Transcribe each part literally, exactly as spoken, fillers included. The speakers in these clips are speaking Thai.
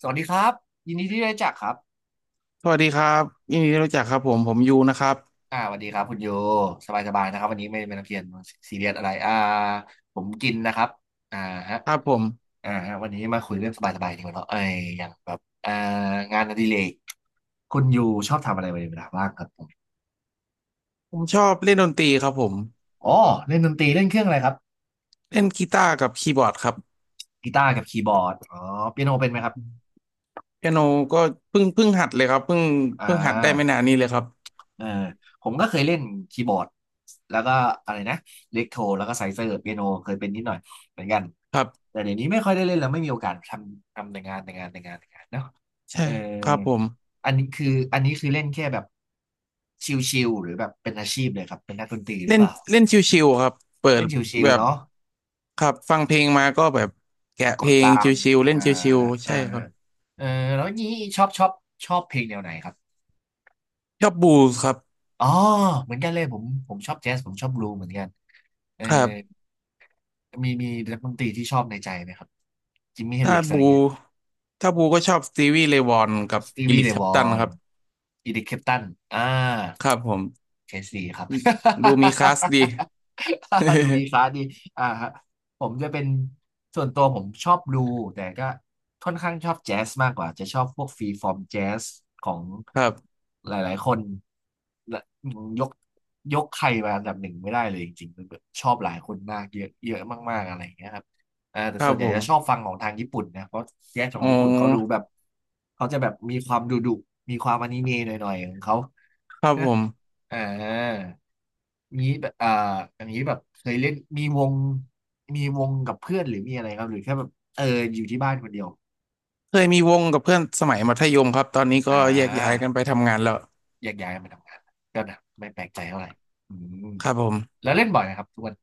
สวัสดีครับยินดีที่ได้รู้จักครับสวัสดีครับยินดีที่รู้จักครับผมผมยูนะครับอ่าสวัสดีครับคุณโยสบายสบายนะครับวันนี้ไม่ไม่นักเรียนซีเรียสอะไรอ่าผมกินนะครับอ่าฮะครับผมอ่าฮะวันนี้มาคุยเรื่องสบายสบายดีกว่าเนาะไอ้ยอย่างแบบอ่างานอดิเรกคุณโยชอบทำอะไรในเวลาว่างครับผมผมชอบเล่นดนตรีครับผมอ๋อเล่นดนตรีเล่นเครื่องอะไรครับเล่นกีตาร์กับคีย์บอร์ดครับกีตาร์กับคีย์บอร์ดอ๋อเปียโนเป็นไหมครับเปียโนก็เพิ่งเพิ่งหัดเลยครับเพิ่งอ่เพิ่งหัดได้ไม่นาา นนี้เลยครับเออผมก็เคยเล่นคีย์บอร์ดแล้วก็อะไรนะเล็กโทรแล้วก็ไซเซอร์เปียโนเคยเป็นนิดหน่อยเหมือนกันครับแต่เดี๋ยวนี้ไม่ค่อยได้เล่นแล้วไม่มีโอกาสทำทำแต่งานแต่งานแต่งานแต่งานเนาะใช่เออครับผมอันนี้คืออันนี้คือเล่นแค่แบบชิลๆหรือแบบเป็นอาชีพเลยครับเป็นนักดนตรีหรืเล่อนเปล่าเล่นชิวๆครับเปิดเล่นชิแบลๆบเนาะครับฟังเพลงมาก็แบบแกะกเพดลงตามชิวๆเล่นอ่าชิวๆอ่าใช่ครับเออแล้วนี้ชอบชอบชอบเพลงแนวไหนครับชอบบูสครับอ๋อเหมือนกันเลยผมผมชอบแจ๊สผมชอบบลูเหมือนกันเออ ครับมีมีนักดนตรีที่ชอบในใจไหมครับจิมมี่เฮนถ้าริกซ์อะไรบูเงี้ยถ้าบูก็ชอบสตีวีเรย์วอนกับสตีอีวีริกเรแคลย์วปอตันคนรับอีดิคเคปตันอ่าครับผมเคนซีครับ ดูมีคลาสดี ดูมีค ลาสดีอ่าฮะผมจะเป็นส่วนตัวผมชอบดูส์แต่ก็ค่อนข้างชอบแจ๊สมากกว่าจะชอบพวกฟรีฟอร์มแจ๊สของครับหลายๆคน และยกยกใครมาอันดับหนึ่งไม่ได้เลยจริงๆมันแบบชอบหลายคนมากเยอะเยอะมากๆอะไรอย่างเงี้ยครับอ่าแต่ครัส่วบนใหญ่ผจะชอบมฟังของทางญี่ปุ่นนะเพราะแจ๊สขออ๋งอญี่ปุ่นเขาดูแบบเขาจะแบบมีความดุดุมีความอนิเมะหน่อยๆของเขาครับนะผม อ่านี้แบบอ่าอันนี้แบบเคยเล่นมีวงมีวงกับเพื่อนหรือมีอะไรครับหรือแค่แบบเอออยู่ที่บ้านคนเดียวเคยมีวงกับเพื่อนสมัยมัธยมครับ ตอนนี้ก็อ่แยกย้ายากันไปทำงานแล้วแยกย้ายมาทำงานก็นะไม่แปลกใจเท่าไหร่อืม ครับผม แล้วเล่นบ่อยไหมครับทุกวัน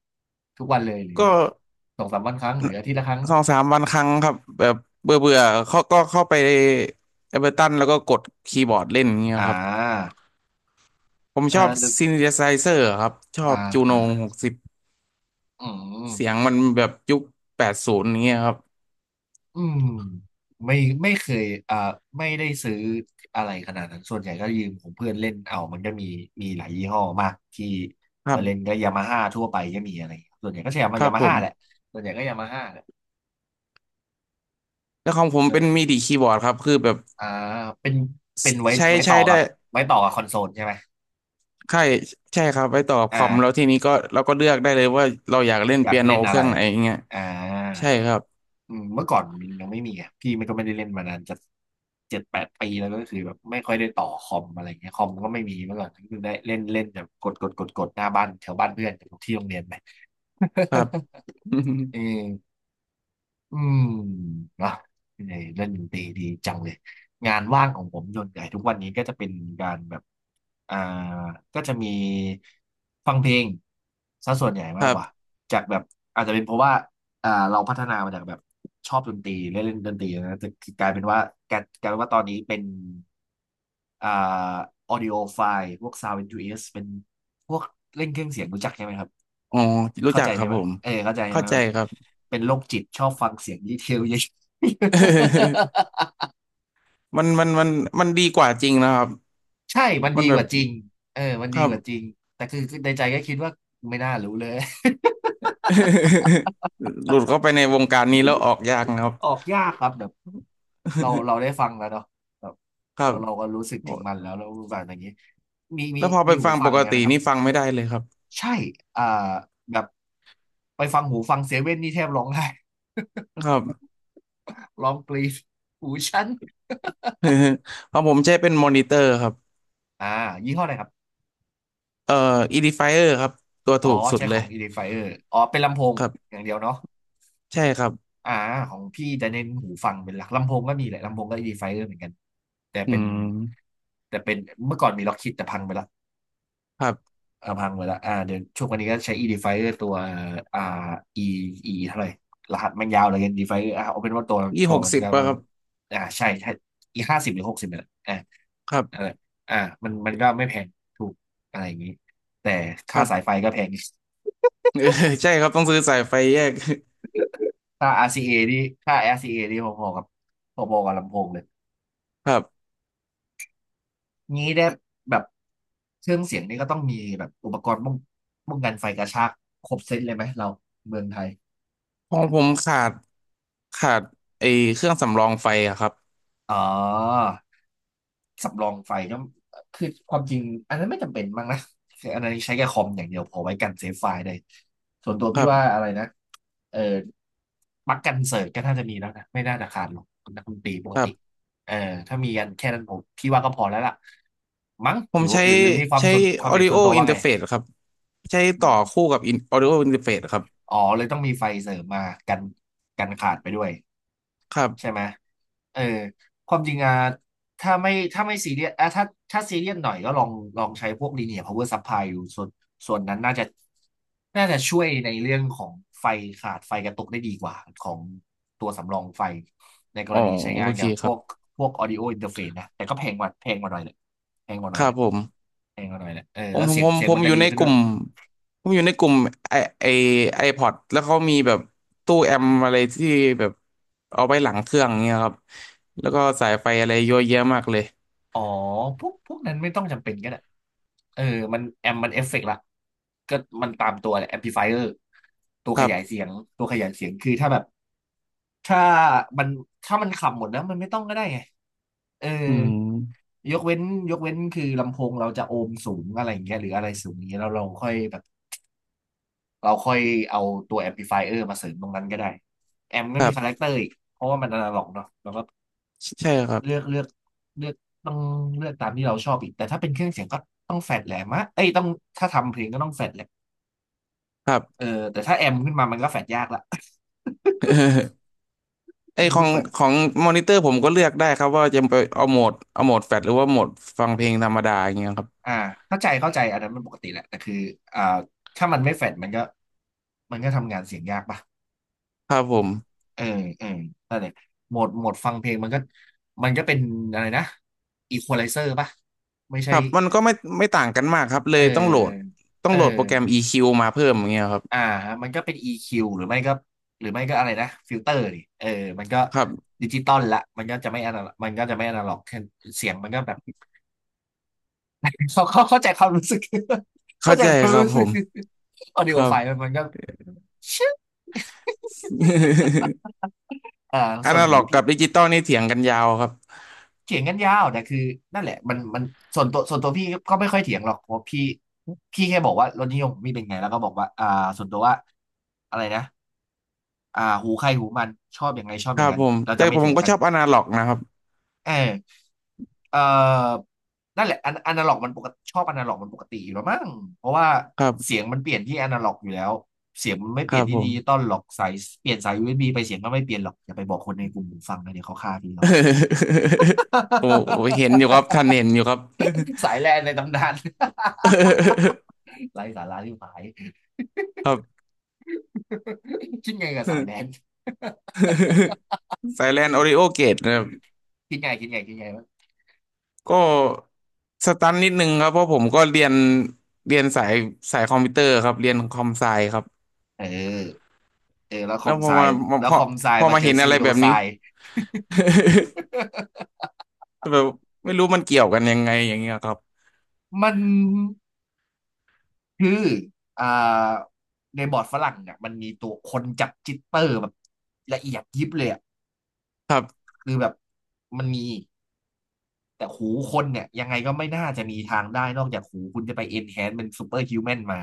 ทุกวันเลยหรือก็สองสามวันครั้งหรืออาทิตย์ละครั้งสองสามวันครั้งครับแบบเบื่อเบื่อเขาก็เข้าไปเอเบอร์ตันแล้วก็กดคีย์บอร์ดเล่นอย่างเงี้ยอ่ครับาผมชอ่าอบเดี๋ยวซิน t h ไซเซอร์ครับ ชออ่าบจูโนฮะหกสิบอืเสียงมมันแบบยุคแปดศูนย์อย่างเงี้ยครับอืมไม่ไม่เคยอ่าไม่ได้ซื้ออะไรขนาดนั้นส่วนใหญ่ก็ยืมของเพื่อนเล่นเอามันก็มีมีหลายยี่ห้อมากที่ครัมาเล่นบ ก็ยามาฮ่าทั่วไปก็มีอะไรอย่างเงี้ยส่วนใหญ่ก็ใช้ยคมารัยาบมาผฮ่าแหละม ส่วนใหญ่ก็ยามาฮ่าแหละแล้วของผมเลเป็นยมิดิคีย์บอร์ดครับคือแบบอ่าเป็นเป็นไว้ใช้ไว้ใช้ต่อได้ กับไว้ต่อกับคอนโซลใช่ไหมใช่ใช่ครับไว้ต่อกับคอ่อมแล้วา ทีนี้ก็เราก็เลือกได้เลยว่าเราอยากเล่นอยาเปีกยโนเล่นเคอะรื่ไรองไหนอย่างเงี้ยอ่ใช่าครับอืมเมื่อก่อนมันยังไม่มีไงพี่มันก็ไม่ได้เล่นมานานจะเจ็ดแปดปีแล้วก็คือแบบไม่ค่อยได้ต่อคอมอะไรเงี้ยคอมก็ไม่มีเมื่อก่อนก็คือได้เล่นเล่นแบบกดกดกดกดหน้าบ้านแถวบ้านเพื่อนที่โรงเรียนไป ครับ เออ อืมนะเออเล่นดนตรีดีจังเลยงานว่างของผมส่วนใหญ่ทุกวันนี้ก็จะเป็นการแบบอ่าก็จะมีฟังเพลงซะส่วนใหญ่คมากรักว่าบจากแบบอาจจะเป็นเพราะว่าอ่าเราพัฒนามาจากแบบชอบดนตรีเล่นเล่นดนตรีนะแต่กลายเป็นว่ากลายกลายเป็นว่าตอนนี้เป็นอ่าออดิโอไฟล์พวก Sound เอ็น ยู เอส เอสเป็นพวกเล่นเครื่องเสียงรู้จักใช่ไหมครับ อ๋อรู้เข้าจักใจครัใช่บไหมผมเออเข้าใจใช่เข้าไหมใจแบบครับ เป็นโรคจิตชอบฟังเสียงดีเทลเยอะ มันมันมันมันดีกว่าจริงนะครับ ใช่มันมัดีนแบกบว่าจริงเออมันคดีรับ กว่าจริงแต่คือคือในใจก็คิดว่าไม่น่ารู้เลย หลุดเข้าไปในวงการนี้แล้วอ อกยากนะครับ ออกยากครับแบบเราเราได้ ฟังแล้วเนาะแบบครัเราบเราก็รู้สึกถึงมันแล้โอ้วแล้วแบบอย่างนี้มีมีแล้วพอไปมีหูฟังฟัปงกแล้วตินะครับ นี่ฟังไม่ได้เลยครับใช่อ่าแบบไปฟังหูฟังเซเว่นนี่แทบร้องไห้ ครับ ร้องกรีดหูฉัน เพราะผมใช้เป็นมอนิเตอร์ครับอ่ายี่ห้ออะไรครับ เอ่อ Edifier ครับตัวอ๋อถูกสุดใช้เลขอยง Edifier อ๋อเป็นลำโพงครัอบ ย่างเดียวเนาะใช่ครับอ่าของพี่จะเน้นหูฟังเป็นหลักลำโพงก็มีแหละลำโพงก็ Edifier เหมือนกันแต่อืเป็นมแต่เป็นเมื่อก่อนมีล็อกคิดแต่พังไปละครับเออพังไปละอ่าเดี๋ยวช่วงวันนี้ก็ใช้ Edifier ตัวอ่า อี อี เท่าไหร่รหัสมันยาวเลย Edifier อ่าเอาเป็นว่าตัวยี่ตัหวกมันสิบก็ป่ะครับอ่าใช่ใช่ E ห้าสิบหรือหกสิบเนี่ยแหละอ่าครัอะบไรอ่ามันมันก็ไม่แพงถูกอะไรอย่างนี้แต่คค่ารับ สายไฟก็แพง เออใช่ครับต้องซื้อสายไฟแยก ค่า อาร์ ซี เอ นี่ค่า อาร์ ซี เอ นี่พอๆกับพอๆกับลำโพงเลย ครับงี้ได้แบบเครื่องเสียงนี่ก็ต้องมีแบบอุปกรณ์ป้องป้องกันไฟกระชากครบเซตเลยไหมเราเมืองไทยของผมขาดขาดไอเครื่องสำรองไฟอะครับอ๋อ สำรองไฟก็คือความจริงอันนั้นไม่จำเป็นมั้งนะคืออันนั้นใช้แค่คอมอย่างเดียวพอไว้กันเซฟไฟล์ได้ส่วนตัวคพี่รัว่าบอะไรนะเออปลั๊กกันเสิร์ตก็น่าจะมีแล้วนะไม่น่าจะขาดหรอกนักดนตรีปกครัติบเออถ้ามีกันแค่นั้นผมพี่ว่าก็พอแล้วล่ะมั้งผหมรือใช้หรือหรือมีความใช้ ส่วนความเห็น Audio ส่วนตัวว่าไง Interface ครับใช้อืต่อม คู่กับ in- Audio Interface ครับอ๋อเลยต้องมีไฟเสริมมากันกันขาดไปด้วยครัใช่บไหมเออความจริงอะถ้าไม่ถ้าไม่ซีเรียสอะถ้าถ้าซีเรียสหน่อยก็ลองลองใช้พวก linear power supply อยู่ส่วนส่วนนั้นน่าจะน่าจะช่วยในเรื่องของไฟขาดไฟกระตุกได้ดีกว่าของตัวสำรองไฟในกอ๋อรณีใช้โองานเคกับคพรัวบกพวก audio interface นะแต่ก็แพงกว่าแพงกว่าหน่อยเลยแพงกว่าหคน่อยรัเลบยผม แพงกว่าหน่อยเลยเออผมแล้วผมเสียผงมเสียงผมมันอจะยู่ดีในขึ้กนด้วลุ่มย ผมอยู่ในกลุ่มไอไอไอพอดแล้วเขามีแบบตู้แอมอะไรที่แบบเอาไว้หลังเครื่องเงี้ยครับแล้วก็สายไฟอะไรเยอะแยะมากเลยอ๋อพวกพวกนั้นไม่ต้องจำเป็นก็ได้เออมันแอมมันเอฟเฟกต์ละก็มันตามตัวแหละแอมพลิฟายเออร์ตัวคขรัยายเสีบยงตัวขยายเสียงคือถ้าแบบถ้ามันถ้ามันขับหมดแล้วมันไม่ต้องก็ได้ไงเอออืมยกเว้นยกเว้นคือลำโพงเราจะโอห์มสูงอะไรอย่างเงี้ยหรืออะไรสูงอย่างเงี้ยเราเราค่อยแบบเราค่อยเอาตัวแอมพลิฟายเออร์มาเสริมตรงนั้นก็ได้แอมก็ครัมีคาแรคบเตอร์อีกเพราะว่ามันอนาล็อกเนาะแล้วก็ ใช่ครัเลือกบเลือกเลือกต้องเลือกตามที่เราชอบอีกแต่ถ้าเป็นเครื่องเสียงก็ต้องแฟดแหลมมะเอ้ยต้องถ้าทำเพลงก็ต้องแฟดแหละครับ เออแต่ถ้าแอมขึ้นมามันก็แฟดยากละ ไอมันขอก็งแฟดของมอนิเตอร์ผมก็เลือกได้ครับว่าจะไปเอาโหมดเอาโหมดแฟลชหรือว่าโหมดฟังเพลงธรรมดาอย่างเงี้ยครับอ่าเข้าใจเข้าใจอันนั้นมันปกติแหละแต่คืออ่าถ้ามันไม่แฟดมันก็มันก็ทำงานเสียงยากปะครับผมเออเออนั่นแหละโหมดโหมดฟังเพลงมันก็มันก็เป็นอะไรนะอีควอไลเซอร์ปะไม่คใช่รับมันก็ไม่ไม่ต่างกันมากครับเลเยต้องโหลดออต้อเองโหลดโปรอ แกรม อี คิว มาเพิ่มอย่างเงี้ยครับอ่ามันก็เป็น อี คิว หรือไม่ก็หรือไม่ก็อะไรนะฟิลเตอร์ดิเออมันก็ครับดิจิตอลละมันก็จะไม่อนาล็อกมันก็จะไม่อนาล็อกเสียงมันก็แบบ เขาเขาเข้าใจความรู้สึก เข้าเข้าใจใจความครับรู้ผสึกม ออดิคโอรัไฟบ ล์มันมันก็ ชึบ อ่าอส่วนนาหูล็อกพี่กับดิจิตอลนี่เถียงกันยาวครับเถียงกันยาวแต่คือนั่นแหละมันมันส่วนตัวส่วนตัวพี่ก็ไม่ค่อยเถียงหรอกเพราะพี่พี่แค่บอกว่ารสนิยมของพี่เป็นไงแล้วก็บอกว่าอ่าส่วนตัวว่าอะไรนะอ่าหูใครหูมันชอบอย่างไงชอบคอรัย่างบนั้นผมเราแต่จะไม่ผมเถียงก็กัชน อบอนาล็อกนะครับเออเออนั่นแหละอนอนาล็อกมันปกติชอบอนาล็อกมันปกติอยู่แล้วมั้งเพราะว่าครัเสีบยงมันเปลี่ยนที่อนาล็อกอยู่แล้วเสียงมันไม่คเปลี่รัยนบที่ผดิม จิตอลหรอกสายเปลี่ยนสาย ยู เอส บี ไปเสียงก็ไม่เปลี่ยนหรอกอย่าไปบอกคนในกลุ่มฟังนะเดี๋ยวเขาฆ่าทีหรอก โอ้โหเห็นอยู่ครับ ท่านเห็นอยู่ครับ สายแลนในตำนาน ไร้สาระที่หาย ครับ คิดไงกับสายแลน ไซแลนคิโอริดโอเกตนะครับคิดไงคิดไงคิดไงวะก็สตันนิดนึงครับเพราะผมก็เรียนเรียนสายสายคอมพิวเตอร์ครับเรียนคอมไซครับเออเออแล้วคแล้อวมพอไซมามาแล้วพคออมไซพอมามาเจเห็อนซิอะลไรโดแบบไซนี้ ก็แบบไม่รู้มันเกี่ยวกันยังไงอย่างเงี้ยครับมัน คืออ่าในบอร์ดฝรั่งเนี่ยมันมีตัวคนจับจิตเตอร์แบบละเอียดยิบเลยอะคือแบบมันมีแต่หูคนเนี่ยยังไงก็ไม่น่าจะมีทางได้นอกจากหูคุณจะไป enhance เป็น super human มา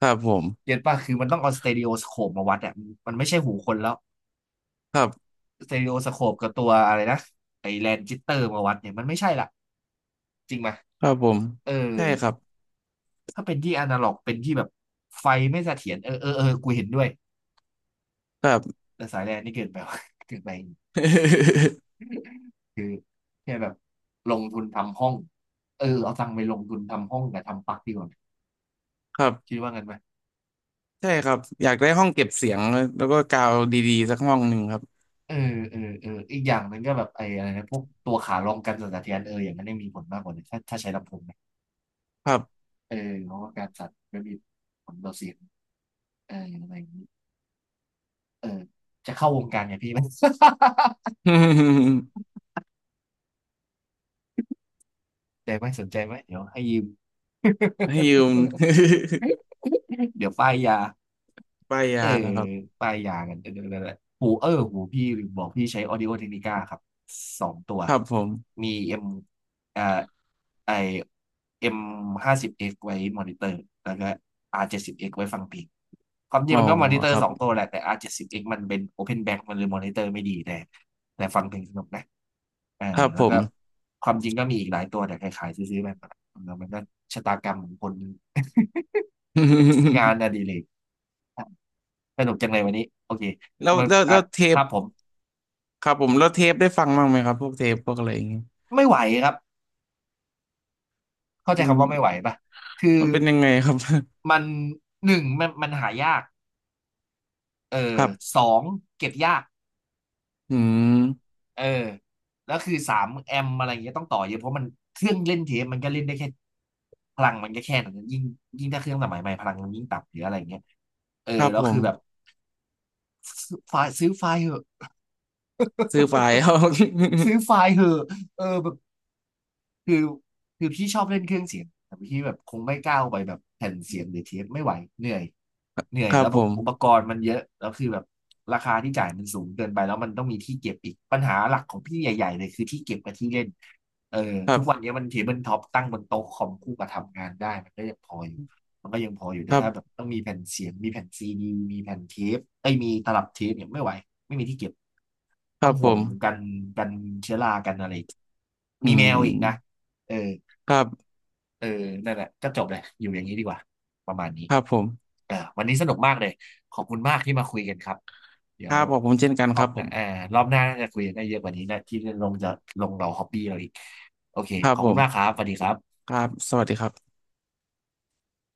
ครับผม เก็ตป่ะคือมันต้องเอาสเต r ร o โอสโคปมาวัดเนี่ยมันไม่ใช่หูคนแล้วครับสเต r ร o โอสโคปกับตัวอะไรนะไอแลนจิตเตอร์มาวัดเนี่ยมันไม่ใช่ละจริงไหมยครับผมเออใช่ครับถ้าเป็นที่อนาล็อกเป็นที่แบบไฟไม่เสถียรเออเออเออกูเห็นด้วยครับ แต่สายแลนนี่เกินไปว่ะ เกินไป คือแค่แบบลงทุนทำห้องเออเอาตังค์ไปลงทุนทำห้องกับทำปลั๊กดีกว่าครัคิบดว่างั้นไหมใช่ครับอยากได้ห้องเก็บเสียงแล้วก็กาวดีๆสักห้องหนึ่งครับเออเออเอออีกอย่างหนึ่งก็แบบไอ้อะไรนะพวกตัวขาลองกันสั่นสะเทือนเอออย่างนั้นได้มีผลมากกว่านีถ้าถ้าใช้ลำโพงนะครับ เออเพราะว่าการสั่นไม่มีผลต่อเสียงเอออะไรอย่างนี้เออจะเข้าวงการเนี่ยพี่ไหม สน ใจ ไหมสนใจไหมเดี๋ยวให้ยืม ให้ยืม เดี๋ยวป้ายยา ป้ายเอยาอนะครับปลายยางกันเออนัแหหูเออหูพี่ลืมบอกพี่ใช้ Audio Technica ครับสองตัวครับผมมีเอ็มอ่าไอเอ็มห้าสิบเอ็กไว้มอนิเตอร์แล้วก็ R เจ็ดสิบเอ็กซ์ไว้ฟังเพลงความจริอ๋งอมันก็มอนิเตอคร์รับสองตัวแหละแต่ R เจ็ดสิบเอ็กซ์มันเป็น Open Back มันเลยมอนิเตอร์ไม่ดีแต่แต่ฟังเพลงสนุกนะเออครับแล้ผวก็ม ความจริงก็มีอีกหลายตัวแต่ขายๆซื้อๆแบบมันมันก็ชะตากรรมของคนงานอดิเรก สนุกจังเลยวันนี้โอเค แล้วมันแล้วอ่ะแล้วเทคปรับผมครับผมแล้วเทปได้ฟังบ้างไหมครับพวกเทปพวกอะไรอย่างเงี้ยไม่ไหวครับเข้าใจอืคำว่าไม่ไหวมป่ะคือมันเป็นยังไงครับ มันหนึ่งมันมันหายากเอ คอรับสองเก็บยากอืมเออแล้วคือสามแอมอะไรอย่างเงี้ยต้องต่อเยอะเพราะมันเครื่องเล่นเทปมันก็เล่นได้แค่พลังมันก็แค่นั้นยิ่งยิ่งถ้าเครื่องสมัยใหม่พลังมันยิ่งต่ำหรืออะไรอย่างเงี้ยเออครับแล้วผคืมอแบบซื้อไฟล์ซื้อไฟล์เหอะซื้อไฟล์ เอา ซื้อไฟล์เหอะเออแบบ คือคือพี่ชอบเล่นเครื่องเสียงแต่พี่แบบคงไม่ก้าวไปแบบแผ่นเสียงหรือเทปไม่ไหวเหนื่อยเหนื่อคยรัแล้บวผแบบมอุปกรณ์มันเยอะแล้วคือแบบราคาที่จ่ายมันสูงเกินไปแล้วมันต้องมีที่เก็บอีกปัญหาหลักของพี่ใหญ่ๆเลยคือที่เก็บกับที่เล่นเออครัทุกวันบนี้มันเทเบิลท็อปตั้งบนโต๊ะคอมคู่กับทำงานได้มันก็ยังพออยู่มันก็ยังพออยู่คแต่รัถ้าแบบบต้องมีแผ่นเสียงมีแผ่นซีดีมีแผ่นเทปไอ้ยมีตลับเทปเนี่ยไม่ไหวไม่มีที่เก็บคต้อรังบผห่วงม กันกันเชื้อรากันอะไรอีกอืมีแมมวอีกนะ เออครับเออนั่นแหละก็จบเลยอยู่อย่างนี้ดีกว่า ประมาณนี้ครับผมอ่าวันนี้สนุกมากเลย ขอบคุณมากที่มาคุยกันครับเดี๋คยรัวบขอบผมเช่นกันรคอรับบหผน้ามอ่ารอบหน้าน่าจะคุยกันได้เยอะกว่านี้นะที่ลงจะลงเราฮอบบี้เราอีกโอเคครัขบอบผคุณมากครัมบสวัสดีครับครับสวัสดีครับ